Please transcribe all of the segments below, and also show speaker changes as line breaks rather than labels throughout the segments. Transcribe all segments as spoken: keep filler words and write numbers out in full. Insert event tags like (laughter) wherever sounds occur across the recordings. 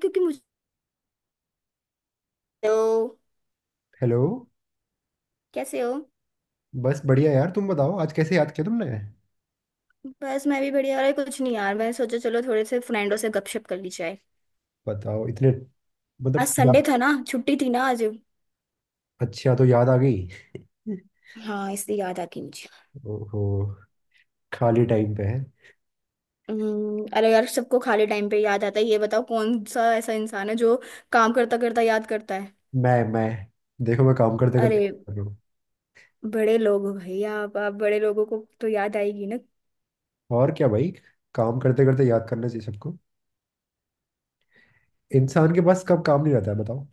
क्योंकि मुझे। Hello.
Hello.
कैसे हो?
बस बढ़िया यार, तुम बताओ, आज कैसे याद किया तुमने?
बस मैं भी बढ़िया। अरे कुछ नहीं यार, मैंने सोचा चलो थोड़े से फ्रेंडों से गपशप कर ली जाए।
बताओ इतने मतलब
आज
या।
संडे था ना, छुट्टी थी ना आज।
अच्छा, तो याद आ गई।
हाँ, इसलिए याद आ गई मुझे।
ओहो, खाली टाइम पे है।
हम्म, अरे यार, सबको खाली टाइम पे याद आता है। ये बताओ कौन सा ऐसा इंसान है जो काम करता करता याद करता है।
मैं मैं देखो, मैं काम करते करते
अरे
कर रहा हूँ।
बड़े लोग हो भाई, आप आप बड़े लोगों को तो याद आएगी ना।
और क्या भाई, काम करते करते याद करना चाहिए सबको। इंसान के पास कब काम नहीं रहता है बताओ।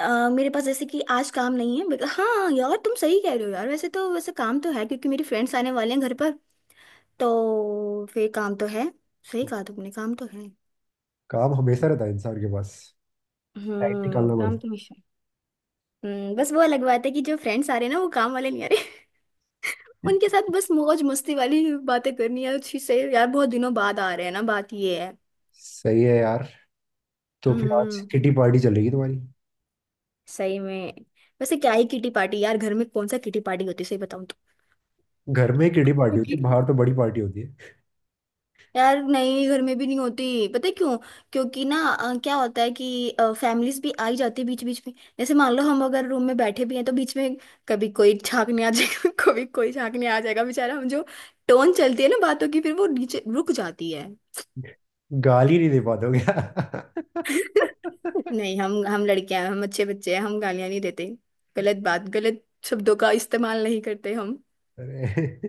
अ, मेरे पास जैसे कि आज काम नहीं है, बट हाँ यार तुम सही कह रहे हो। यार वैसे तो वैसे काम तो है, क्योंकि मेरी फ्रेंड्स आने वाले हैं घर पर। तो फिर काम तो है। सही कहा तुमने, काम तो है।
काम हमेशा रहता है इंसान के पास। टाइम
हम्म,
निकालना पड़ता
काम
है।
तो मिशन। हम्म, बस वो अलग बात है कि जो फ्रेंड्स आ रहे हैं ना वो काम वाले नहीं आ रहे। (laughs) उनके साथ बस मौज मस्ती वाली बातें करनी है अच्छी से। यार बहुत दिनों बाद आ रहे हैं ना, बात ये है।
सही है यार। तो फिर आज
हम्म,
किटी पार्टी चलेगी तुम्हारी।
सही में। वैसे क्या ही किटी पार्टी यार, घर में कौन सा किटी पार्टी होती है सही बताऊं
घर में किटी
तो।
पार्टी
(laughs)
होती है, बाहर तो बड़ी पार्टी होती है।
यार नहीं, घर में भी नहीं होती, पता है क्यों? क्योंकि ना अ, क्या होता है कि फैमिलीज भी आ ही जाती है बीच बीच में। जैसे मान लो हम अगर रूम में बैठे भी हैं तो बीच में कभी कोई झांकने आ जाएगा। (laughs) कभी कोई झांकने आ जाएगा, बेचारा हम जो टोन चलती है ना बातों की, फिर वो नीचे रुक जाती है।
गाली नहीं दे पाते हो क्या?
(laughs) नहीं, हम हम लड़कियां हैं, हम अच्छे बच्चे हैं, हम गालियां नहीं देते। गलत बात, गलत शब्दों का इस्तेमाल नहीं करते हम।
(laughs) अरे,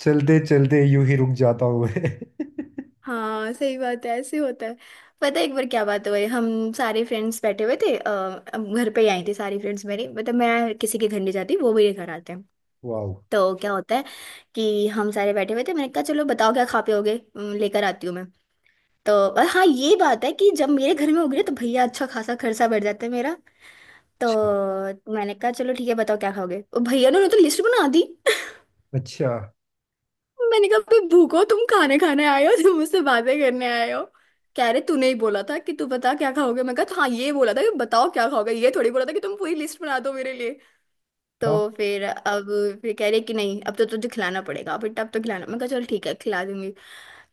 चलते चलते यूं ही रुक जाता हूँ मैं। (laughs)
हाँ, सही बात है, ऐसे होता है। पता है एक बार क्या बात हुई, हम सारे फ्रेंड्स बैठे हुए थे, अ, हम घर पे ही आई थी सारी फ्रेंड्स मेरी। मतलब मैं किसी के घर नहीं जाती, वो मेरे घर आते हैं।
वाह।
तो क्या होता है कि हम सारे बैठे हुए थे, मैंने कहा चलो बताओ क्या खा पे होगे, अम, लेकर आती हूँ मैं। तो और हाँ ये बात है कि जब मेरे घर में होगी ना तो भैया अच्छा खासा खर्चा बढ़ जाता है मेरा। तो
अच्छा।
मैंने कहा चलो ठीक है, बताओ क्या खाओगे, और भैया ने उन्होंने तो लिस्ट बना दी।
अच्छा।
मैंने कहा, भाई भूखो तुम खाने खाने आए हो, तुम मुझसे बातें करने आए हो। कह रहे तूने ही बोला था कि तू बता क्या खाओगे, मैं कहा हाँ ये बोला था कि बताओ क्या खाओगे, ये थोड़ी बोला था कि तुम पूरी लिस्ट बना दो मेरे लिए। तो
हाँ,
फिर अब फिर कह रहे कि नहीं अब तो तुझे खिलाना पड़ेगा, फिर तब तो खिलाना, मैं कहा चल ठीक है खिला दूंगी।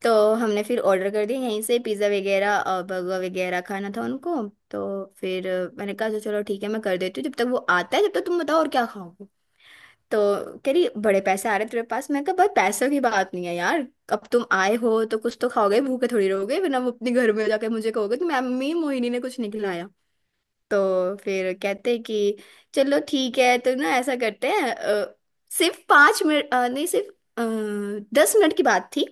तो हमने फिर ऑर्डर कर दिया यहीं से, पिज़्ज़ा वगैरह बर्गर वगैरह खाना था उनको। तो फिर अ, मैंने कहा, "अच्छा, चलो ठीक है मैं कर देती हूँ, जब तक वो आता है जब तक तुम बताओ और क्या खाओगे।" तो कह रही बड़े पैसे आ रहे हैं तेरे पास, मैं कहा भाई पैसों की बात नहीं है यार। अब तुम आए हो तो कुछ तो खाओगे, भूखे थोड़ी रहोगे, वरना वो अपने घर में जाके मुझे कहोगे कि मम्मी मोहिनी ने कुछ नहीं खिलाया। तो फिर कहते हैं कि चलो ठीक है तो ना ऐसा करते हैं, अ, सिर्फ पाँच मिनट, अ, नहीं सिर्फ आ, दस मिनट की बात थी।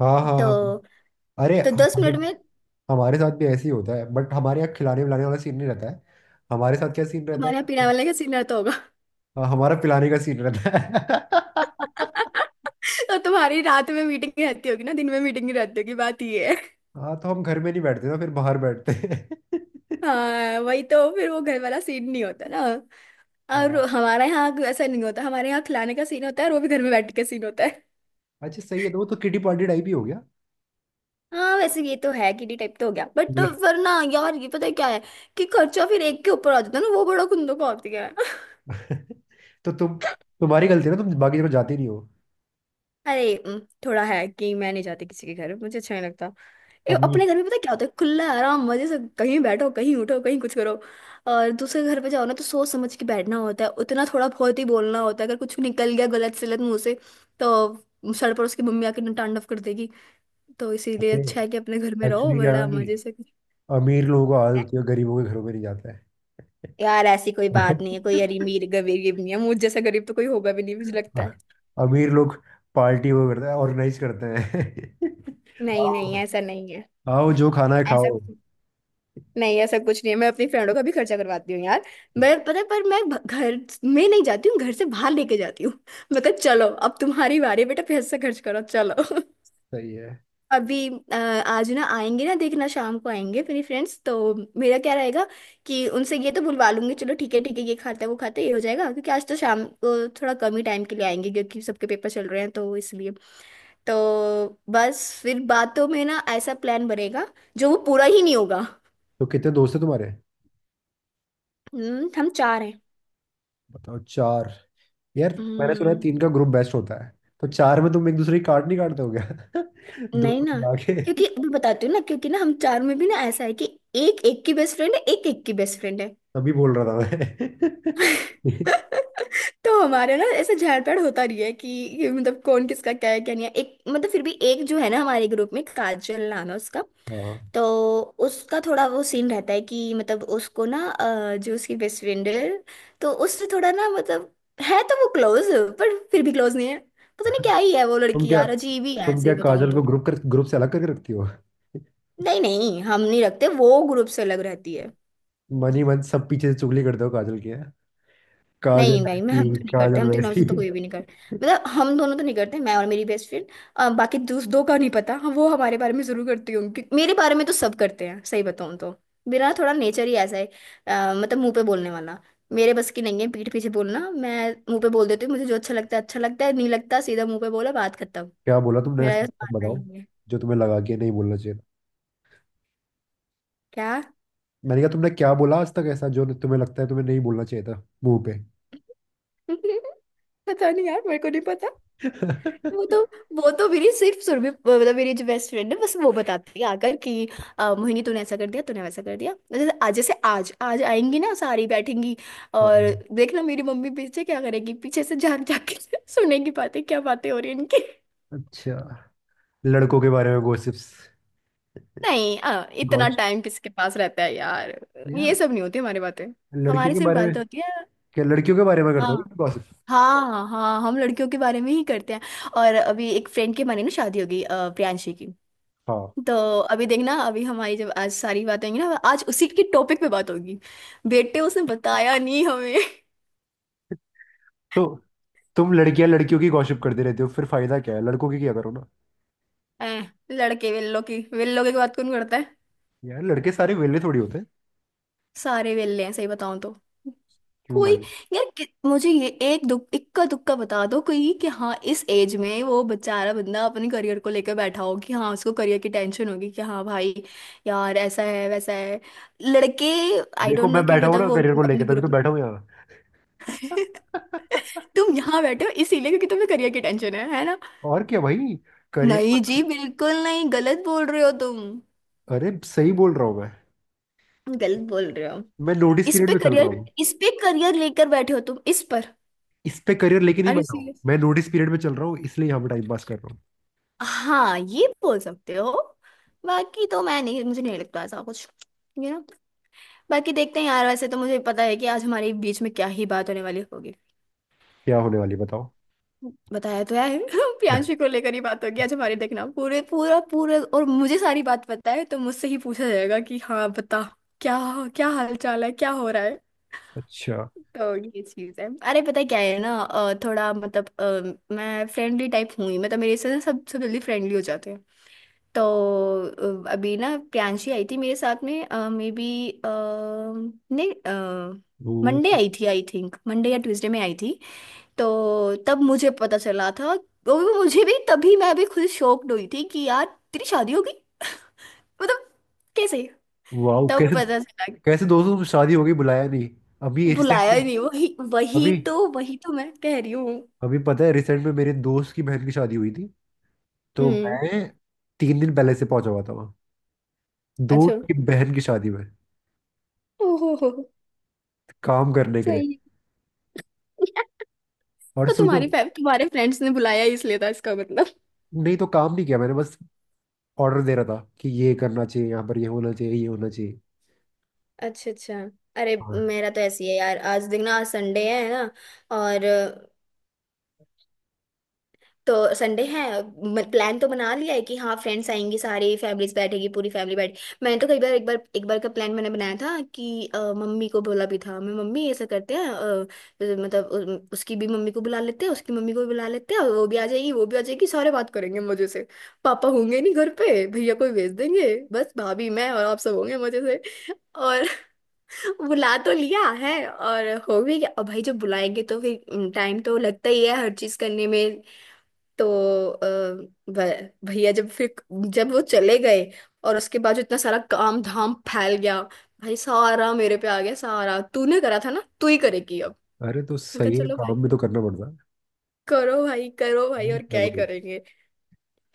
हाँ, हाँ,
तो
हाँ। अरे
तो दस
हमारे,
मिनट में।
हमारे साथ भी ऐसे ही होता है, बट हमारे यहाँ खिलाने पिलाने वाला सीन नहीं रहता है। हमारे साथ क्या सीन रहता
तुम्हारे यहाँ
है?
पीने वाले का सीन रहता होगा।
हाँ, हमारा पिलाने का सीन रहता है। (laughs)
(laughs) तो तुम्हारी रात में मीटिंग रहती होगी ना, दिन में मीटिंग नहीं रहती होगी, बात ये।
हाँ, तो हम घर में नहीं बैठते ना, फिर बाहर बैठते हैं। (laughs)
हाँ, वही तो, फिर वो घर वाला सीन नहीं होता ना। और
हाँ।
हमारे यहाँ ऐसा नहीं होता, हमारे यहाँ खिलाने का सीन होता है, और वो भी घर में बैठ के सीन होता है।
अच्छा, सही है, तो वो तो किटी पार्टी टाइप ही हो गया।
हाँ वैसे ये तो है, किडी टाइप तो हो गया बट, तो वरना यार ये पता है क्या है कि खर्चा फिर एक के ऊपर आ जाता है ना, वो बड़ा कुंदो का होती है। (laughs)
(laughs) तो तुम तुम्हारी गलती है ना, तुम बाकी जगह जाते नहीं हो।
अरे उम, थोड़ा है कि मैं नहीं जाती किसी के घर, मुझे अच्छा नहीं लगता। ए,
अमीर
अपने घर में पता है क्या होता है, खुला आराम मजे से कहीं बैठो कहीं उठो कहीं कुछ करो। और दूसरे घर पे जाओ ना तो सोच समझ के बैठना होता है, उतना थोड़ा बहुत ही बोलना होता है, अगर कुछ निकल गया गलत सलत मुंह से तो सर पर उसकी मम्मी आके तांडव कर देगी। तो इसीलिए
जाते,
अच्छा है कि अपने घर में रहो
एक्चुअली क्या है
बड़ा
ना कि
मजे से।
अमीर लोगों को आदत होती है, गरीबों के घरों में नहीं जाता है।
यार ऐसी कोई बात नहीं है, कोई अमीर गरीब नहीं है, मुझ जैसा गरीब तो कोई होगा भी नहीं मुझे लगता है।
(laughs) अमीर लोग पार्टी वो करते हैं, ऑर्गेनाइज करते हैं। (laughs)
नहीं नहीं,
आओ,
ऐसा नहीं है,
आओ, जो खाना है
ऐसा
खाओ।
नहीं ऐसा कुछ नहीं है, मैं अपनी फ्रेंडों का भी खर्चा करवाती हूँ यार। मैं पता है, पर मैं भ- घर में नहीं जाती हूँ, घर से बाहर लेके जाती हूँ। मतलब चलो अब तुम्हारी बारी है, बेटा पैसा खर्च करो चलो। (laughs)
सही है।
अभी अ, आज ना आएंगे ना देखना, शाम को आएंगे मेरी फ्रेंड्स तो। मेरा क्या रहेगा कि उनसे ये तो बुलवा लूंगी चलो ठीक है ठीक है, ये खाता है वो खाता है ये हो जाएगा, क्योंकि आज तो शाम को थोड़ा कम ही टाइम के लिए आएंगे क्योंकि सबके पेपर चल रहे हैं तो इसलिए। तो बस फिर बातों में ना ऐसा प्लान बनेगा जो वो पूरा ही नहीं होगा।
तो कितने दोस्त हैं तुम्हारे?
हम्म, हम चार हैं।
बताओ, चार। यार, मैंने सुना है
हम्म,
तीन का ग्रुप बेस्ट होता है। तो चार में तुम एक दूसरे की काट नहीं काटते हो क्या? (laughs) दो
नहीं
दो
ना।
मिला के।
क्योंकि मैं बताती हूँ ना, क्योंकि ना हम चार में भी ना ऐसा है कि एक एक की बेस्ट फ्रेंड है, एक एक की बेस्ट फ्रेंड है।
तभी बोल रहा था
(laughs)
मैं। (laughs)
तो हमारे ना ऐसे झाड़ पेड़ होता रही है कि ये मतलब कौन किसका क्या है क्या नहीं है, एक मतलब फिर भी एक जो है ना, हमारे ग्रुप में काजल नाम है उसका।
हाँ,
तो उसका थोड़ा वो सीन रहता है कि मतलब उसको ना अ, जो उसकी बेस्ट फ्रेंड है तो उससे थोड़ा ना मतलब है तो वो क्लोज, पर फिर भी क्लोज नहीं है। पता नहीं क्या ही है वो
तुम
लड़की,
क्या
यार अजीब ही है
तुम क्या
सही बताऊं
काजल को
तो।
ग्रुप कर ग्रुप से अलग करके रखती हो?
नहीं नहीं, हम नहीं रखते, वो ग्रुप से अलग रहती है।
मन ही मन सब पीछे से चुगली करते हो काजल की हैं? काजल
नहीं भाई, मैं हम
ऐसी,
तो नहीं करते,
काजल
हम तीनों
वैसी।
से तो कोई भी नहीं करते, मतलब हम दोनों तो नहीं करते मैं और मेरी बेस्ट फ्रेंड, बाकी दूस दो का नहीं पता। हाँ, वो हमारे बारे में जरूर करती होंगी क्योंकि मेरे बारे में तो सब करते हैं सही बताऊँ तो। मेरा ना थोड़ा नेचर ही ऐसा है, अ, मतलब मुंह पे बोलने वाला, मेरे बस की नहीं है पीठ पीछे बोलना, मैं मुंह पे बोल देती हूँ, मुझे जो अच्छा लगता है अच्छा लगता है, नहीं लगता सीधा मुंह पे बोला, बात खत्म।
क्या बोला तुमने
मेरा
ऐसा,
ऐसा
तक
मानना
बताओ,
ही है।
जो तुम्हें लगा कि नहीं बोलना चाहिए था।
क्या?
मैंने कहा तुमने क्या बोला आज तक ऐसा, जो तुम्हें लगता है तुम्हें नहीं बोलना चाहिए था मुंह पे।
(laughs) पता नहीं यार, मेरे को नहीं। वो तो
(laughs)
वो तो मेरी सिर्फ सुरभि, मतलब मेरी जो बेस्ट फ्रेंड है बस वो बताती है आकर कि अ, मोहिनी तूने ऐसा कर दिया तूने वैसा कर दिया, जैसे आज जैसे आज आज आएंगी ना सारी बैठेंगी,
हाँ।
और देखना मेरी मम्मी पीछे क्या करेगी, पीछे से झांक झांक के (laughs) सुनेगी बातें, क्या बातें हो रही हैं इनकी।
अच्छा, लड़कों के बारे में गॉसिप्स?
नहीं अ, इतना
गॉस
टाइम किसके पास रहता है यार, ये
यार,
सब नहीं होती हमारी बातें,
लड़कियों
हमारी
के
सिर्फ
बारे में
बातें होती है।
क्या लड़कियों के बारे में
हाँ
करते हो गॉसिप?
हाँ हाँ हाँ, हम लड़कियों के बारे में ही करते हैं। और अभी एक फ्रेंड के माने ना शादी होगी, अ, प्रियांशी की।
हाँ,
तो अभी देखना अभी हमारी जब आज सारी बातें होंगी ना आज उसी के टॉपिक पे बात होगी। बेटे उसने बताया नहीं हमें।
तो तुम लड़कियां, लड़कियों की गॉसिप करते रहते हो? फिर फायदा क्या है, लड़कों की क्या करो ना।
ऐ, लड़के वेल्लो की वेल्लो की बात कौन करता है?
यार, लड़के सारे वेले थोड़ी होते हैं।
सारे वेल्ले हैं सही बताऊं तो।
क्यों
कोई
भाई?
यार कि- मुझे ये एक दुख इक्का दुक्का बता दो कोई कि, हाँ इस एज में वो बेचारा बंदा अपने करियर को लेकर बैठा हो कि, हाँ उसको करियर की टेंशन होगी कि, हाँ भाई यार ऐसा है वैसा है। लड़के आई
देखो,
डोंट नो
मैं
कि
बैठा हूँ
मतलब
ना
वो
करियर को लेके,
अपने
तभी तो
ग्रुप।
बैठा हूँ यहाँ।
(laughs) तुम यहाँ बैठे हो इसीलिए क्योंकि तुम्हें करियर की टेंशन है है ना।
(laughs) और क्या भाई। करियर।
नहीं जी बिल्कुल नहीं, गलत बोल रहे हो तुम।
अरे सही बोल रहा हूँ मैं
गलत बोल रहे हो।
मैं नोटिस
इस
पीरियड
पे
में चल रहा
करियर
हूँ।
इस पे करियर लेकर बैठे हो तुम, इस पर।
इस पे करियर लेके नहीं
अरे
बैठा हूँ,
सीरियस,
मैं नोटिस पीरियड में चल रहा हूँ, इसलिए यहाँ पे टाइम पास कर रहा हूँ।
हाँ ये बोल सकते हो, बाकी तो मैं नहीं, मुझे नहीं लगता ऐसा कुछ। यू नो बाकी देखते हैं यार, वैसे तो मुझे पता है कि आज हमारे बीच में क्या ही बात होने वाली होगी।
क्या होने वाली है, बताओ?
बताया तो है। (laughs) प्रियांशी को
(laughs)
लेकर ही बात होगी आज हमारी देखना, पूरे पूरा पूरे और मुझे सारी बात पता है तो मुझसे ही पूछा जाएगा कि हाँ बता क्या? क्या हाल चाल है, क्या हो रहा है।
अच्छा।
तो ये चीज है, अरे पता है क्या है ना, अ, थोड़ा मतलब अ, मैं फ्रेंडली टाइप हूँ ही, मतलब मेरे से ना सब सब जल्दी फ्रेंडली हो जाते हैं। तो अ, अभी ना प्रियांशी आई थी मेरे साथ में, मे बी, नहीं
वो
मंडे आई थी, आई थिंक मंडे या ट्यूसडे में आई थी। तो तब मुझे पता चला था, और वो मुझे भी तभी, मैं भी खुद शॉक्ड हुई थी कि यार, तेरी शादी होगी? मतलब, कैसे?
वाह,
तब
कैसे?
पता चला कि
कैसे दोस्तों, तुम शादी हो गई, बुलाया नहीं? अभी रिसेंट
बुलाया
में?
ही नहीं। वही वही
अभी,
तो वही तो मैं कह रही हूँ।
अभी पता है, रिसेंट में मेरे दोस्त की बहन की शादी हुई थी। तो
हम्म।
मैं तीन दिन पहले से पहुंचा हुआ था वहाँ,
अच्छा।
दोस्त की बहन की शादी में,
ओहो हो हो,
काम करने के लिए।
सही है। (laughs)
और
तो
सोचो,
तुम्हारी फै- तुम्हारे फ्रेंड्स ने बुलाया ही इसलिए था इसका मतलब।
नहीं तो काम नहीं किया मैंने, बस ऑर्डर दे रहा था कि ये करना चाहिए, यहाँ पर ये होना चाहिए, ये होना चाहिए।
अच्छा अच्छा। अरे,
हाँ।
मेरा तो ऐसी है यार, आज देखना, आज संडे है ना। और तो संडे है। प्लान तो बना लिया है कि हाँ, फ्रेंड्स आएंगी, सारी फैमिलीज बैठेगी, पूरी फैमिली बैठ। मैंने तो कई बार एक बार एक बार का प्लान मैंने बनाया था कि अ, मम्मी को बोला भी था, मैं मम्मी ऐसा करते हैं, अ, अ, मतलब उ- उसकी भी मम्मी को बुला लेते हैं, उसकी मम्मी को भी बुला लेते हैं और वो भी आ जाएगी, वो भी आ जाएगी, सारे बात करेंगे मजे से। पापा होंगे नहीं घर पे, भैया को ही भेज देंगे, बस भाभी, मैं और आप सब होंगे मजे से। और (laughs) बुला तो लिया है और हो भी गया, और भाई जब बुलाएंगे तो फिर टाइम तो लगता ही है हर चीज करने में। तो अ, भ- भैया जब फिर, जब वो चले गए और उसके बाद जो इतना सारा काम धाम फैल गया, भाई सारा मेरे पे आ गया, सारा तूने करा था ना तू ही करेगी अब।
अरे, तो
मैं कहा
सही है,
चलो भाई,
काम भी तो करना पड़ता है।
करो भाई करो भाई,
और
और
क्या
क्या ही
भाई।
करेंगे।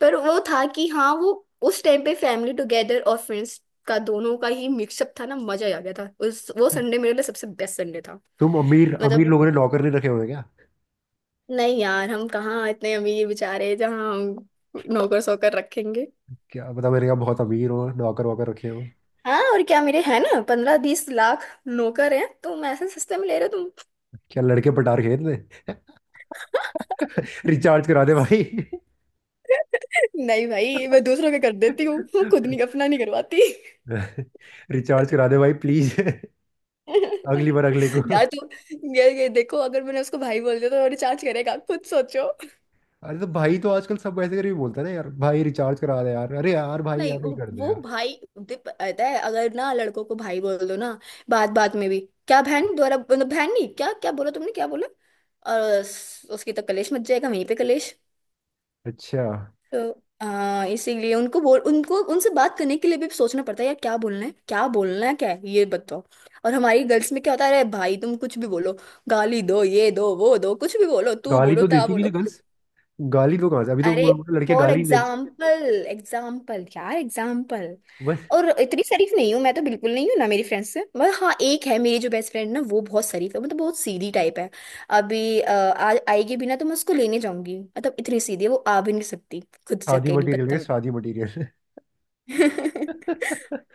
पर वो था कि हाँ वो, उस टाइम पे फैमिली टुगेदर और फ्रेंड्स का, दोनों का ही मिक्सअप था ना, मजा ही आ गया था, उस वो संडे मेरे लिए सबसे बेस्ट संडे था।
तुम अमीर,
मतलब,
अमीर लोगों ने नौकर नहीं रखे हुए हैं क्या?
नहीं यार, हम कहाँ इतने अमीर, बेचारे जहाँ हम नौकर सोकर रखेंगे।
क्या पता, मैंने कहा बहुत अमीर हो, नौकर वॉकर रखे हो।
हाँ और क्या, मेरे है ना पंद्रह बीस लाख नौकर हैं, तुम ऐसे सस्ते में ले रहे हो।
क्या लड़के पटार खेत में। (laughs) रिचार्ज करा दे भाई।
तुम (laughs) नहीं भाई, मैं दूसरों के कर देती हूँ (laughs) खुद नहीं,
(laughs)
अपना नहीं करवाती।
(laughs) रिचार्ज करा दे भाई, प्लीज। (laughs)
(laughs)
अगली बार अगले को।
यार,
(laughs)
तो ये, ये देखो, अगर मैंने उसको भाई बोल दिया तो रिचार्ज करेगा, खुद सोचो।
अरे, तो भाई तो आजकल सब ऐसे करके बोलता है ना, यार भाई रिचार्ज करा दे यार, अरे यार भाई
नहीं
यार
वो
ही कर दे
वो
यार।
भाई, दे- पता है, अगर ना लड़कों को भाई बोल दो ना, बात बात में भी, क्या बहन द्वारा, मतलब बहन नहीं, क्या, क्या बोला तुमने, क्या बोला, और उस- उसकी तो कलेश मच जाएगा वहीं पे, कलेश।
अच्छा।
तो आ, इसीलिए उनको बोल, उनको, उनसे बात करने के लिए भी सोचना पड़ता है यार, क्या बोलना है, क्या बोलना है, क्या है ये बताओ। और हमारी गर्ल्स में क्या होता है, अरे भाई तुम कुछ भी बोलो, गाली दो, ये दो वो दो, कुछ भी बोलो, तू
गाली
बोलो,
तो
ता
देती नहीं
बोलो।
ना गर्ल्स? गाली तो कहाँ से, अभी तो
अरे,
वो- वो लड़के
फॉर
गाली नहीं देते।
एग्जाम्पल, एग्जाम्पल यार, एग्जाम्पल।
बस।
और इतनी शरीफ नहीं हूँ मैं, तो बिल्कुल नहीं हूँ ना मेरी फ्रेंड्स से, मगर हाँ एक है मेरी जो बेस्ट फ्रेंड, ना वो बहुत शरीफ है, मतलब बहुत सीधी टाइप है। अभी अ, आ, आएगी भी ना तो मैं उसको लेने जाऊंगी, मतलब इतनी सीधी है वो आ भी नहीं सकती खुद से
शादी
अकेली।
मटेरियल, शादी मटेरियल।
(laughs)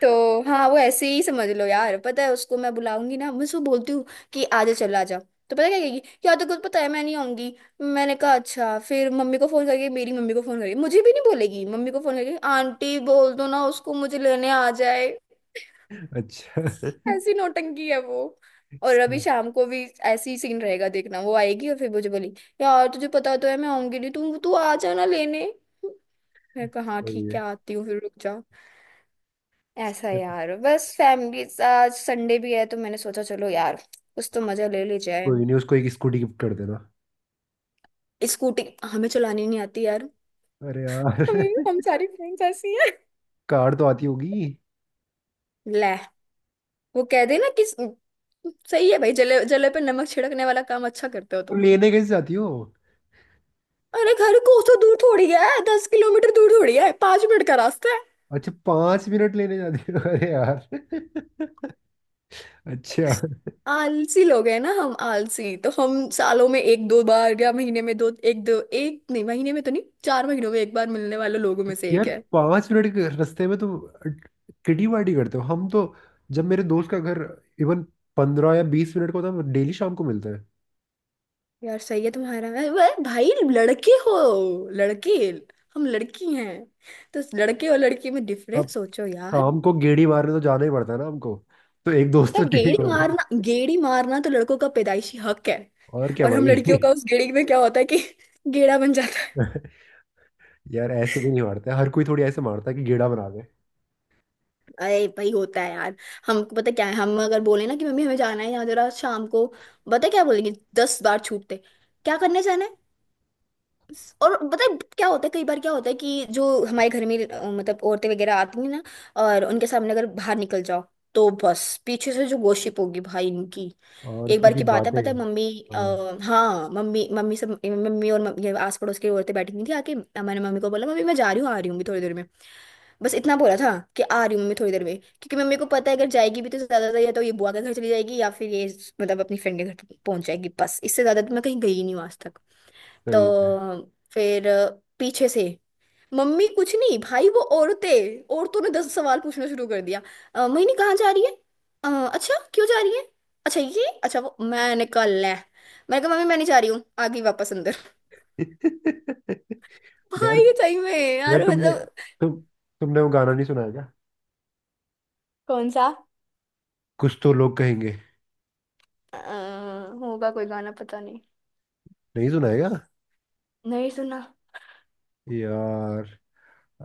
तो हाँ वो ऐसे ही समझ लो यार, पता है उसको मैं बुलाऊंगी ना, मैं उसको बोलती हूँ कि आ जा, चल आ जा, तो पता है क्या कहेगी, यार तो कुछ, पता है मैं नहीं आऊंगी। मैंने कहा अच्छा फिर मम्मी को फोन करके, मेरी मम्मी को फोन करके, मुझे भी नहीं बोलेगी, मम्मी को फोन करके आंटी बोल दो ना उसको, मुझे लेने आ जाए।
अच्छा।
ऐसी नौटंकी है वो। और अभी
सही
शाम को भी ऐसी सीन रहेगा देखना, वो आएगी और फिर मुझे बोली, यार तुझे पता तो है, मैं आऊंगी नहीं, तू तू आ जाना लेने। मैं कहा हाँ
सही
ठीक है,
है।
आती हूँ, फिर रुक जा। ऐसा यार, बस फैमिली, आज संडे भी है तो मैंने सोचा चलो यार, कुछ तो मजा ले ली जाए।
कोई नहीं, उसको एक स्कूटी गिफ्ट कर देना।
स्कूटी, हमें चलानी नहीं आती यार,
अरे यार।
हमें, हम
(laughs)
सारी फ्रेंड्स ऐसी हैं।
कार तो आती होगी।
ले, वो कह देना कि सही है भाई, जले जले पे नमक छिड़कने वाला काम अच्छा करते हो
तो
तुम।
लेने कैसे जाती हो?
अरे, घर कोसों दूर थोड़ी है, दस किलोमीटर दूर थोड़ी है, पांच मिनट का रास्ता है।
अच्छा, पांच मिनट लेने जाते हो? अरे यार। (laughs) अच्छा।
आलसी लोग हैं ना हम, आलसी तो हम, सालों में एक दो बार या महीने में दो एक, दो एक नहीं, महीने में तो नहीं, चार महीनों में एक बार मिलने वाले लोगों में से
यार,
एक है।
पांच मिनट के रास्ते में तो किटी पार्टी करते हो हम तो। जब मेरे दोस्त का घर इवन पंद्रह या बीस मिनट का होता है, हम डेली शाम को मिलते हैं।
यार सही है तुम्हारा, अरे वाह, भाई लड़के हो लड़के, हम लड़की हैं, तो उस लड़के और लड़की में
अब
डिफरेंस सोचो यार।
शाम को गेड़ी मारने तो जाना ही पड़ता है ना हमको, तो एक दोस्त
बेटा,
तो चाहिए
गेड़ी
होता है।
मारना, गेड़ी मारना तो लड़कों का पैदाइशी हक है।
और क्या
और हम
भाई।
लड़कियों का उस गेड़ी में क्या होता है कि (laughs) गेड़ा बन जाता है।
(laughs) यार, ऐसे भी नहीं मारते, हर कोई थोड़ी ऐसे मारता है कि गेड़ा बना दे।
अरे भाई होता है यार, हमको पता क्या है, हम अगर बोले ना कि मम्मी हमें जाना है यहाँ जरा शाम को, पता क्या बोलेंगे, दस बार छूटते, क्या करने जाना है। और पता है क्या होता है, कई बार क्या होता है कि जो हमारे घर में अ, मतलब औरतें वगैरह आती हैं ना, और उनके सामने अगर बाहर निकल जाओ तो बस पीछे से जो गॉसिप होगी भाई इनकी।
और
एक बार
थोड़ी
की बात है,
बातें।
पता है मम्मी, आ,
हाँ।
हाँ मम्मी मम्मी सब मम्मी और मम्मी, ये आस पड़ोस की औरतें बैठी हुई थी आके, अ, मैंने मम्मी को बोला मम्मी मैं जा रही हूँ, आ रही हूँ अभी थोड़ी देर में। बस इतना बोला था कि आ रही हूँ मम्मी थोड़ी देर में, क्योंकि मम्मी को पता है अगर जाएगी भी तो ज्यादा या तो ये बुआ के घर चली जाएगी या फिर ये, मतलब अपनी फ्रेंड के घर पहुंच जाएगी, बस इससे ज्यादा तो मैं कहीं गई नहीं हूँ आज तक। तो
सही
फिर अ, पीछे से मम्मी कुछ नहीं भाई वो औरतें, औरतों ने दस सवाल पूछना शुरू कर दिया। "अ, मोहिनी कहाँ जा रही है, "अ, अच्छा क्यों जा रही है, अच्छा ये अच्छा वो, मैंने कहा ले, मैंने कहा मम्मी मैं नहीं जा रही हूँ, आ गई वापस अंदर।
है।
(laughs)
(laughs)
भाई
यार।
ये सही में,
यार
यार
तुमने,
मतलब,
तुम तुमने वो गाना नहीं सुना है क्या?
कौन सा?
कुछ तो लोग कहेंगे।
अ, होगा कोई गाना, पता नहीं।
नहीं सुना है क्या?
नहीं सुना।
यार,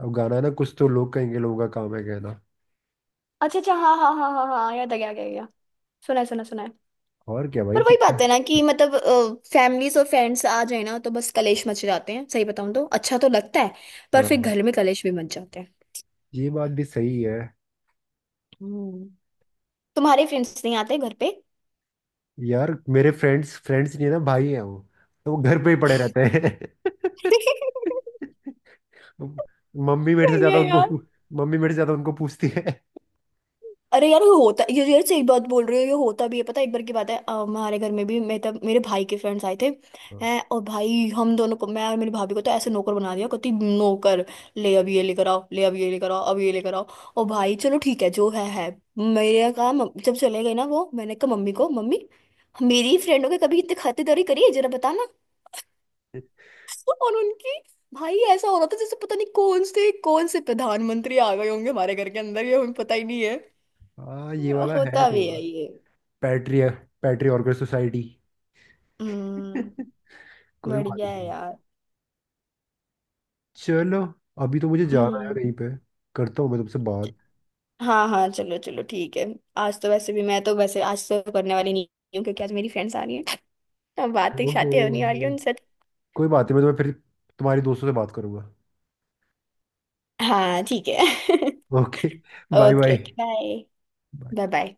अब गाना है ना, कुछ तो लोग कहेंगे, लोगों का काम है कहना।
अच्छा अच्छा, हाँ हाँ हाँ हाँ हाँ, याद आ गया, आ गया, आ गया। सुना है, सुना है, सुना है।
और क्या भाई,
पर वही बात
चुपचाप।
है ना कि मतलब फैमिलीज और फ्रेंड्स आ जाए ना तो बस कलेश मच जाते हैं, सही बताऊं तो अच्छा तो लगता है, पर फिर
हाँ,
घर में कलेश भी मच जाते हैं।
ये बात भी सही है।
हम्म। तुम्हारे फ्रेंड्स नहीं आते घर पे?
यार, मेरे फ्रेंड्स, फ्रेंड्स नहीं है ना भाई, हैं वो, तो वो घर पे ही पड़े
(laughs)
रहते हैं। (laughs) मम्मी मेरे से
सही
ज्यादा
है
उनको।
यार।
मम्मी मेरे से ज्यादा उनको पूछती है।
अरे यार होता ये, यार सही बात बोल रही हो, ये होता भी है, पता है एक बार की बात है, अ, हमारे घर में भी मेरे, तब मेरे भाई के फ्रेंड्स आए थे,
हाँ।
हैं। और भाई हम दोनों को, मैं और मेरी भाभी को तो ऐसे नौकर बना दिया, कहती नौकर, ले अब ये लेकर आओ, ले अब ये लेकर आओ, अब ये लेकर आओ। और भाई चलो ठीक है जो है है। मेरे कहा "मम- जब चले गए ना वो, मैंने कहा मम्मी को, मम्मी मेरी फ्रेंडों के कभी इतने खातिरदारी करी है जरा बताना, और उनकी, भाई ऐसा हो रहा था जैसे पता नहीं कौन से कौन से प्रधानमंत्री आ गए होंगे हमारे घर के अंदर, ये हमें पता ही नहीं है।
हाँ, ये वाला है
होता भी
थोड़ा।
है ये।
पैट्री पैट्री ऑर्गन सोसाइटी।
हम्म।
(laughs) कोई बात
बढ़िया है
नहीं।
यार।
चलो, अभी तो मुझे जाना है
हम्म।
कहीं पे। करता हूँ मैं तुमसे बात।
हाँ हाँ चलो चलो ठीक है। आज तो वैसे भी, मैं तो वैसे आज तो करने वाली नहीं हूँ क्योंकि आज मेरी फ्रेंड्स आ रही हैं। (laughs) अब बातें
ओहो,
शातें होने वाली हैं उनसे।
कोई बात नहीं, मैं तुम्हें फिर तुम्हारी दोस्तों से बात करूंगा।
हाँ ठीक है। (laughs)
Okay, bye
okay
bye.
Okay bye bye bye.